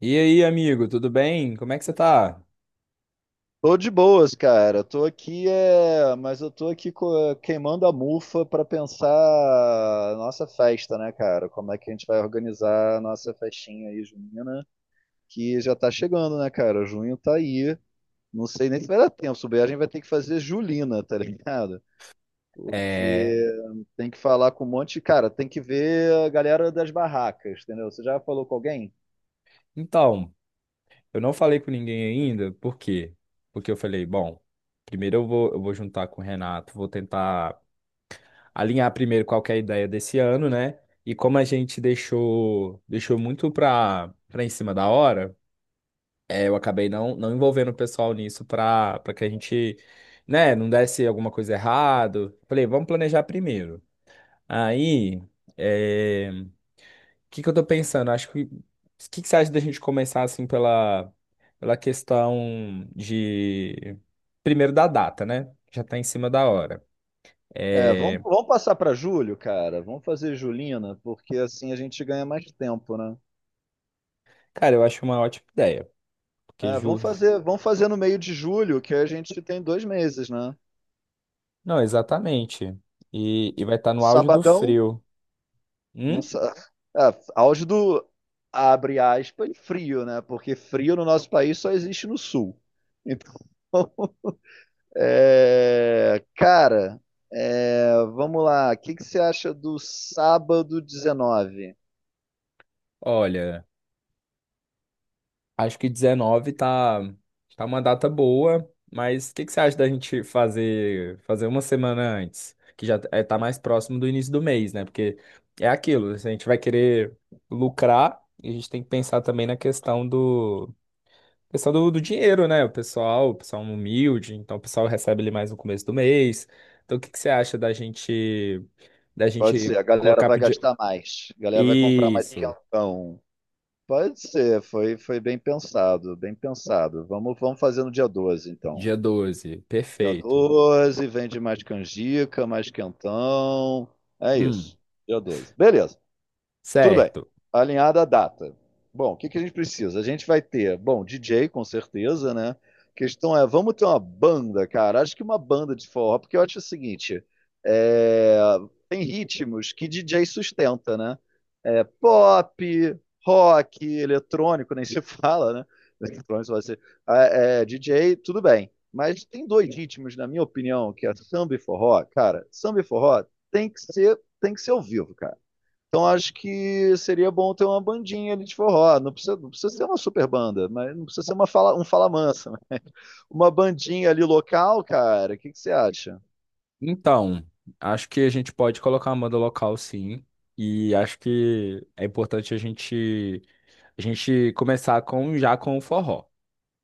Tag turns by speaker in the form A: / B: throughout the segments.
A: E aí, amigo, tudo bem? Como é que você tá?
B: Tô de boas, cara. Tô aqui, mas eu tô aqui queimando a mufa pra pensar a nossa festa, né, cara? Como é que a gente vai organizar a nossa festinha aí, junina, que já tá chegando, né, cara? Junho tá aí. Não sei nem se vai dar tempo. Se bobear, a gente vai ter que fazer julina, tá ligado?
A: É...
B: Porque tem que falar com um monte de... Cara, tem que ver a galera das barracas, entendeu? Você já falou com alguém?
A: Então, eu não falei com ninguém ainda, por quê? Porque eu falei, bom, primeiro eu vou juntar com o Renato, vou tentar alinhar primeiro qual que é a ideia desse ano, né? E como a gente deixou muito pra em cima da hora, eu acabei não envolvendo o pessoal nisso pra que a gente, né, não desse alguma coisa errado. Falei, vamos planejar primeiro. Aí, o que que eu tô pensando? Acho que o que que você acha da gente começar assim pela questão de primeiro da data, né? Já tá em cima da hora.
B: É,
A: É...
B: vamos passar pra julho, cara. Vamos fazer julina, porque assim a gente ganha mais tempo, né?
A: Cara, eu acho uma ótima ideia, porque
B: É, vamos fazer no meio de julho, que a gente tem 2 meses, né?
A: Não, exatamente. E vai estar no auge do
B: Sabadão,
A: frio.
B: não
A: Hum?
B: sa- é, auge do, abre aspas, frio, né? Porque frio no nosso país só existe no sul. Então, cara, vamos lá. O que que você acha do sábado 19?
A: Olha. Acho que tá uma data boa, mas o que que você acha da gente fazer uma semana antes, que já é, tá mais próximo do início do mês, né? Porque é aquilo, a gente vai querer lucrar e a gente tem que pensar também na questão do dinheiro, né? O pessoal humilde, então o pessoal recebe ali mais no começo do mês. Então o que que você acha da gente da
B: Pode
A: gente
B: ser, a galera
A: colocar
B: vai
A: pro dia...
B: gastar mais. A galera vai comprar mais
A: Isso,
B: quentão. Pode ser, foi bem pensado, bem pensado. Vamos fazer no dia 12 então.
A: dia 12
B: Dia
A: perfeito.
B: 12, vende mais canjica, mais quentão. É
A: Hum,
B: isso. Dia 12, beleza. Tudo bem.
A: certo.
B: Alinhada a data. Bom, o que que a gente precisa? A gente vai ter, bom, DJ com certeza, né? A questão é, vamos ter uma banda, cara. Acho que uma banda de forró, porque eu acho o seguinte, é, tem ritmos que DJ sustenta, né? É, pop, rock, eletrônico, nem se fala, né? Eletrônico vai ser DJ, tudo bem. Mas tem dois ritmos, na minha opinião, que é samba e forró, cara. Samba e forró tem que ser ao vivo, cara. Então acho que seria bom ter uma bandinha ali de forró. Não precisa ser uma super banda, mas não precisa ser um fala mansa, né? Uma bandinha ali local, cara, o que que você acha?
A: Então, acho que a gente pode colocar uma banda local, sim. E acho que é importante a gente começar com já com o forró,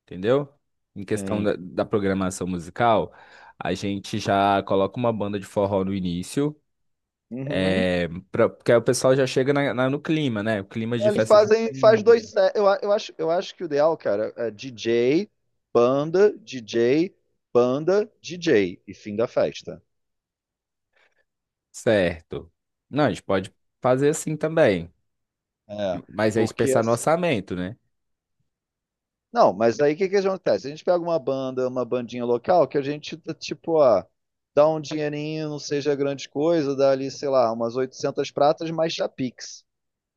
A: entendeu? Em questão
B: Tem.
A: da, da programação musical, a gente já coloca uma banda de forró no início,
B: Uhum.
A: é, pra, porque aí o pessoal já chega no clima, né? O clima de
B: Eles
A: festa
B: faz
A: junina.
B: 2 sets. Eu acho que o ideal, cara, é DJ, banda, DJ, banda, DJ e fim da festa.
A: Certo. Não, a gente pode fazer assim também,
B: É,
A: mas é
B: porque
A: pensar no orçamento, né?
B: Não, mas aí o que que acontece? A gente pega uma banda, uma bandinha local que a gente, tá, tipo, ó, dá um dinheirinho, não seja grande coisa, dá ali, sei lá, umas 800 pratas mais chapix,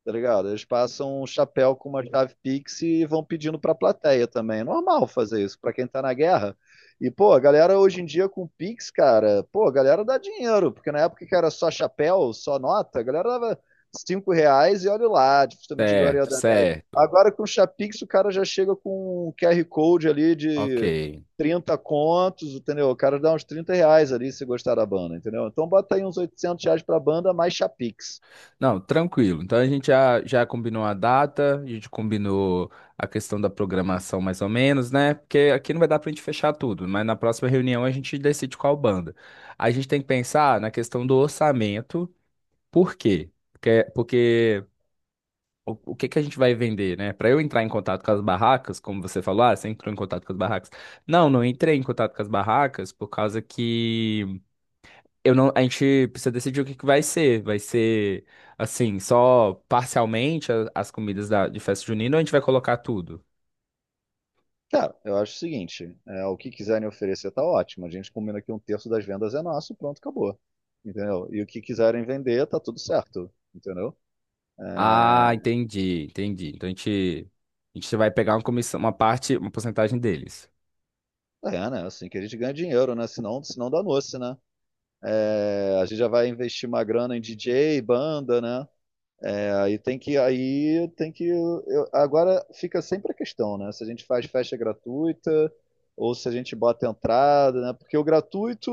B: tá ligado? Eles passam um chapéu com uma chave Pix e vão pedindo pra plateia também. É normal fazer isso pra quem tá na guerra. E, pô, a galera hoje em dia com Pix, cara, pô, a galera dá dinheiro, porque na época que era só chapéu, só nota, a galera dava R$ 5 e olha lá, dificilmente agora ia
A: Certo,
B: dar 10.
A: certo.
B: Agora com o Chapix o cara já chega com um QR Code ali
A: Ok.
B: de 30 contos, entendeu? O cara dá uns R$ 30 ali se gostar da banda, entendeu? Então bota aí uns R$ 800 pra banda mais Chapix.
A: Não, tranquilo. Então a gente já combinou a data, a gente combinou a questão da programação mais ou menos, né? Porque aqui não vai dar pra gente fechar tudo, mas na próxima reunião a gente decide qual banda. A gente tem que pensar na questão do orçamento, por quê? Porque o que que a gente vai vender, né? Para eu entrar em contato com as barracas, como você falou, ah, você entrou em contato com as barracas. Não, não entrei em contato com as barracas por causa que eu não, a gente precisa decidir o que que vai ser. Vai ser, assim, só parcialmente as comidas da, de festa junina ou a gente vai colocar tudo?
B: Cara, eu acho o seguinte, o que quiserem oferecer tá ótimo. A gente combina que um terço das vendas é nosso, pronto, acabou. Entendeu? E o que quiserem vender, tá tudo certo. Entendeu?
A: Ah,
B: É,
A: entendi, entendi. Então a gente vai pegar uma comissão, uma parte, uma porcentagem deles.
B: né? Assim que a gente ganha dinheiro, né? Senão dá noce, né? É, a gente já vai investir uma grana em DJ, banda, né? Aí tem que, eu- agora fica sempre a questão, né? Se a gente faz festa gratuita ou se a gente bota entrada, né? Porque o gratuito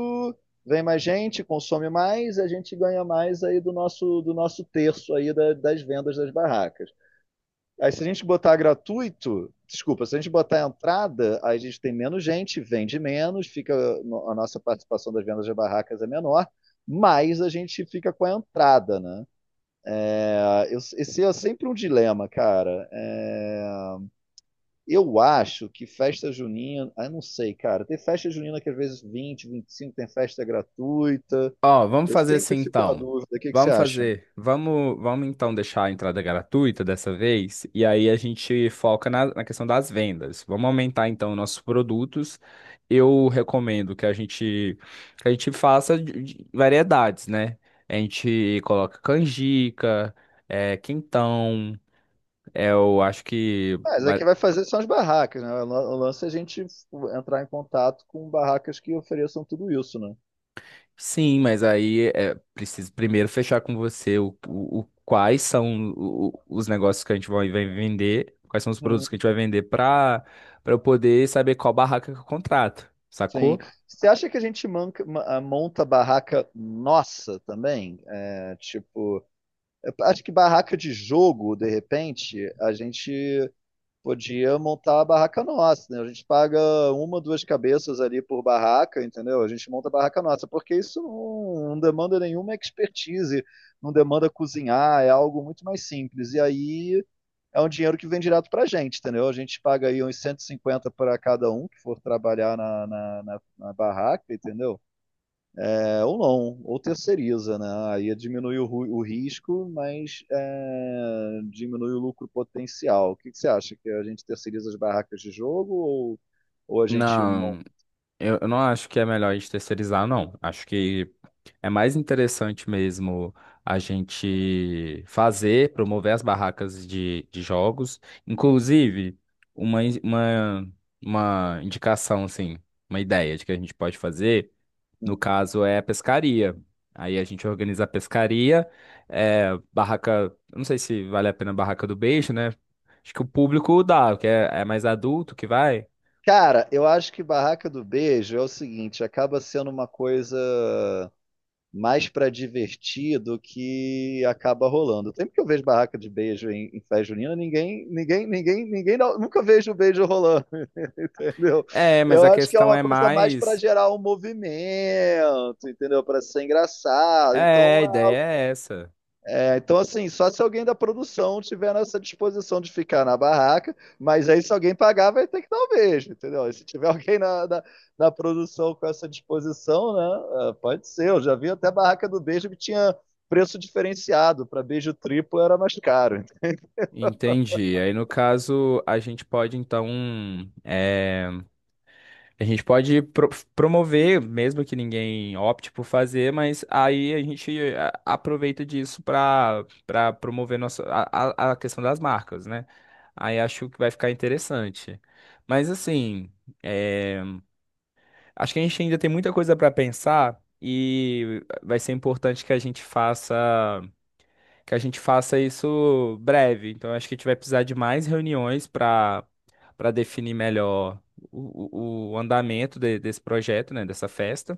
B: vem mais gente, consome mais, a gente ganha mais aí do nosso terço aí das vendas das barracas. Aí se a gente botar gratuito, desculpa, se a gente botar entrada, aí a gente tem menos gente, vende menos, fica a nossa participação das vendas das barracas é menor, mas a gente fica com a entrada, né? Esse é sempre um dilema, cara. Eu acho que festa junina, ah, eu não sei, cara. Tem festa junina que às vezes vinte, vinte e cinco tem festa gratuita.
A: Ó, vamos
B: Eu
A: fazer
B: sempre
A: assim
B: fico na
A: então.
B: dúvida. O que que você
A: Vamos
B: acha?
A: fazer. Vamos então deixar a entrada gratuita dessa vez. E aí a gente foca na questão das vendas. Vamos aumentar então nossos produtos. Eu recomendo que a gente faça de variedades, né? A gente coloca canjica, é, quentão. É, eu acho que.
B: Mas é que vai fazer são as barracas, né? O lance é a gente entrar em contato com barracas que ofereçam tudo isso, né?
A: Sim, mas aí é preciso primeiro fechar com você quais são os negócios que vai vender, quais são os produtos
B: Hum,
A: que a gente vai vender para para eu poder saber qual barraca que eu contrato,
B: sim.
A: sacou?
B: Você acha que a gente monta barraca nossa também? É, tipo, eu acho que barraca de jogo, de repente, a gente podia montar a barraca nossa, né? A gente paga uma, duas cabeças ali por barraca, entendeu? A gente monta a barraca nossa, porque isso não demanda nenhuma expertise, não demanda cozinhar, é algo muito mais simples. E aí é um dinheiro que vem direto pra gente, entendeu? A gente paga aí uns 150 para cada um que for trabalhar na barraca, entendeu? É, ou não, ou terceiriza, né? Aí diminui o risco, mas é, diminui o lucro potencial. O que, que você acha? Que a gente terceiriza as barracas de jogo ou a gente monta?
A: Não. Eu não acho que é melhor a gente terceirizar, não. Acho que é mais interessante mesmo a gente fazer, promover as barracas de jogos. Inclusive, uma, in- uma, uma indicação, assim, uma ideia de que a gente pode fazer,
B: Um?
A: no caso, é a pescaria. Aí a gente organiza a pescaria, é, barraca. Eu Não sei se vale a pena a barraca do beijo, né? Acho que o público dá, é mais adulto que vai.
B: Cara, eu acho que barraca do beijo é o seguinte, acaba sendo uma coisa mais para divertir do que acaba rolando. Sempre que eu vejo barraca de beijo em festa junina, ninguém, ninguém, ninguém, ninguém, nunca vejo o beijo rolando, entendeu?
A: É, mas
B: Eu
A: a
B: acho que é
A: questão
B: uma
A: é
B: coisa mais para
A: mais.
B: gerar um movimento, entendeu? Para ser engraçado.
A: É,
B: Então,
A: a ideia é essa.
B: então, assim, só se alguém da produção tiver nessa disposição de ficar na barraca, mas aí se alguém pagar, vai ter que dar um beijo, entendeu? E se tiver alguém na produção com essa disposição, né? Pode ser. Eu já vi até a barraca do beijo que tinha preço diferenciado. Para beijo triplo era mais caro.
A: Entendi. Aí, no caso, a gente pode, então, é, a gente pode promover, mesmo que ninguém opte por fazer, mas aí a gente aproveita disso para para promover nossa, a a questão das marcas, né? Aí acho que vai ficar interessante. Mas, assim, é, acho que a gente ainda tem muita coisa para pensar e vai ser importante que a gente faça. Que a gente faça isso breve. Então, acho que a gente vai precisar de mais reuniões para para definir melhor o andamento desse projeto, né, dessa festa.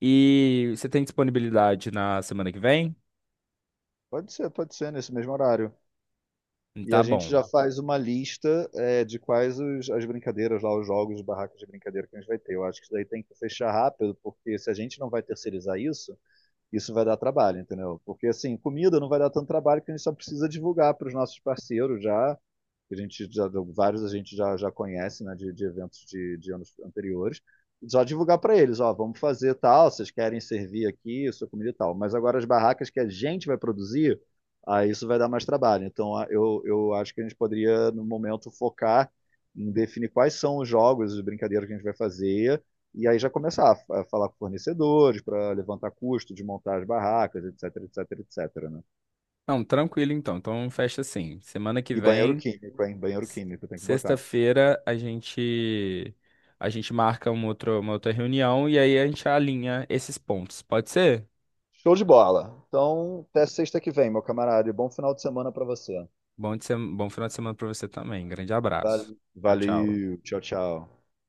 A: E você tem disponibilidade na semana que vem?
B: Pode ser nesse mesmo horário. E a
A: Tá
B: gente
A: bom.
B: já faz uma lista de quais as brincadeiras lá, os jogos de barracas de brincadeira que a gente vai ter. Eu acho que isso daí tem que fechar rápido, porque se a gente não vai terceirizar isso, isso vai dar trabalho, entendeu? Porque assim, comida não vai dar tanto trabalho que a gente só precisa divulgar para os nossos parceiros, já que a gente já, vários a gente já conhece, né, de eventos de anos anteriores, só divulgar para eles, ó, vamos fazer tal, vocês querem servir aqui, sua comida e tal. Mas agora as barracas que a gente vai produzir, aí isso vai dar mais trabalho. Então eu acho que a gente poderia, no momento, focar em definir quais são os jogos, as brincadeiras que a gente vai fazer, e aí já começar a falar com fornecedores para levantar custo de montar as barracas, etc, etc, etc, né?
A: Não, tranquilo então. Então, fecha assim. Semana que
B: E banheiro
A: vem,
B: químico, hein? Banheiro
A: s-
B: químico tem que botar.
A: sexta-feira, a gente marca uma outra reunião e aí a gente alinha esses pontos. Pode ser?
B: Show de bola. Então, até sexta que vem, meu camarada. E bom final de semana para você.
A: Bom, de sem- bom final de semana para você também. Grande abraço. Tchau, tchau.
B: Valeu. Tchau, tchau.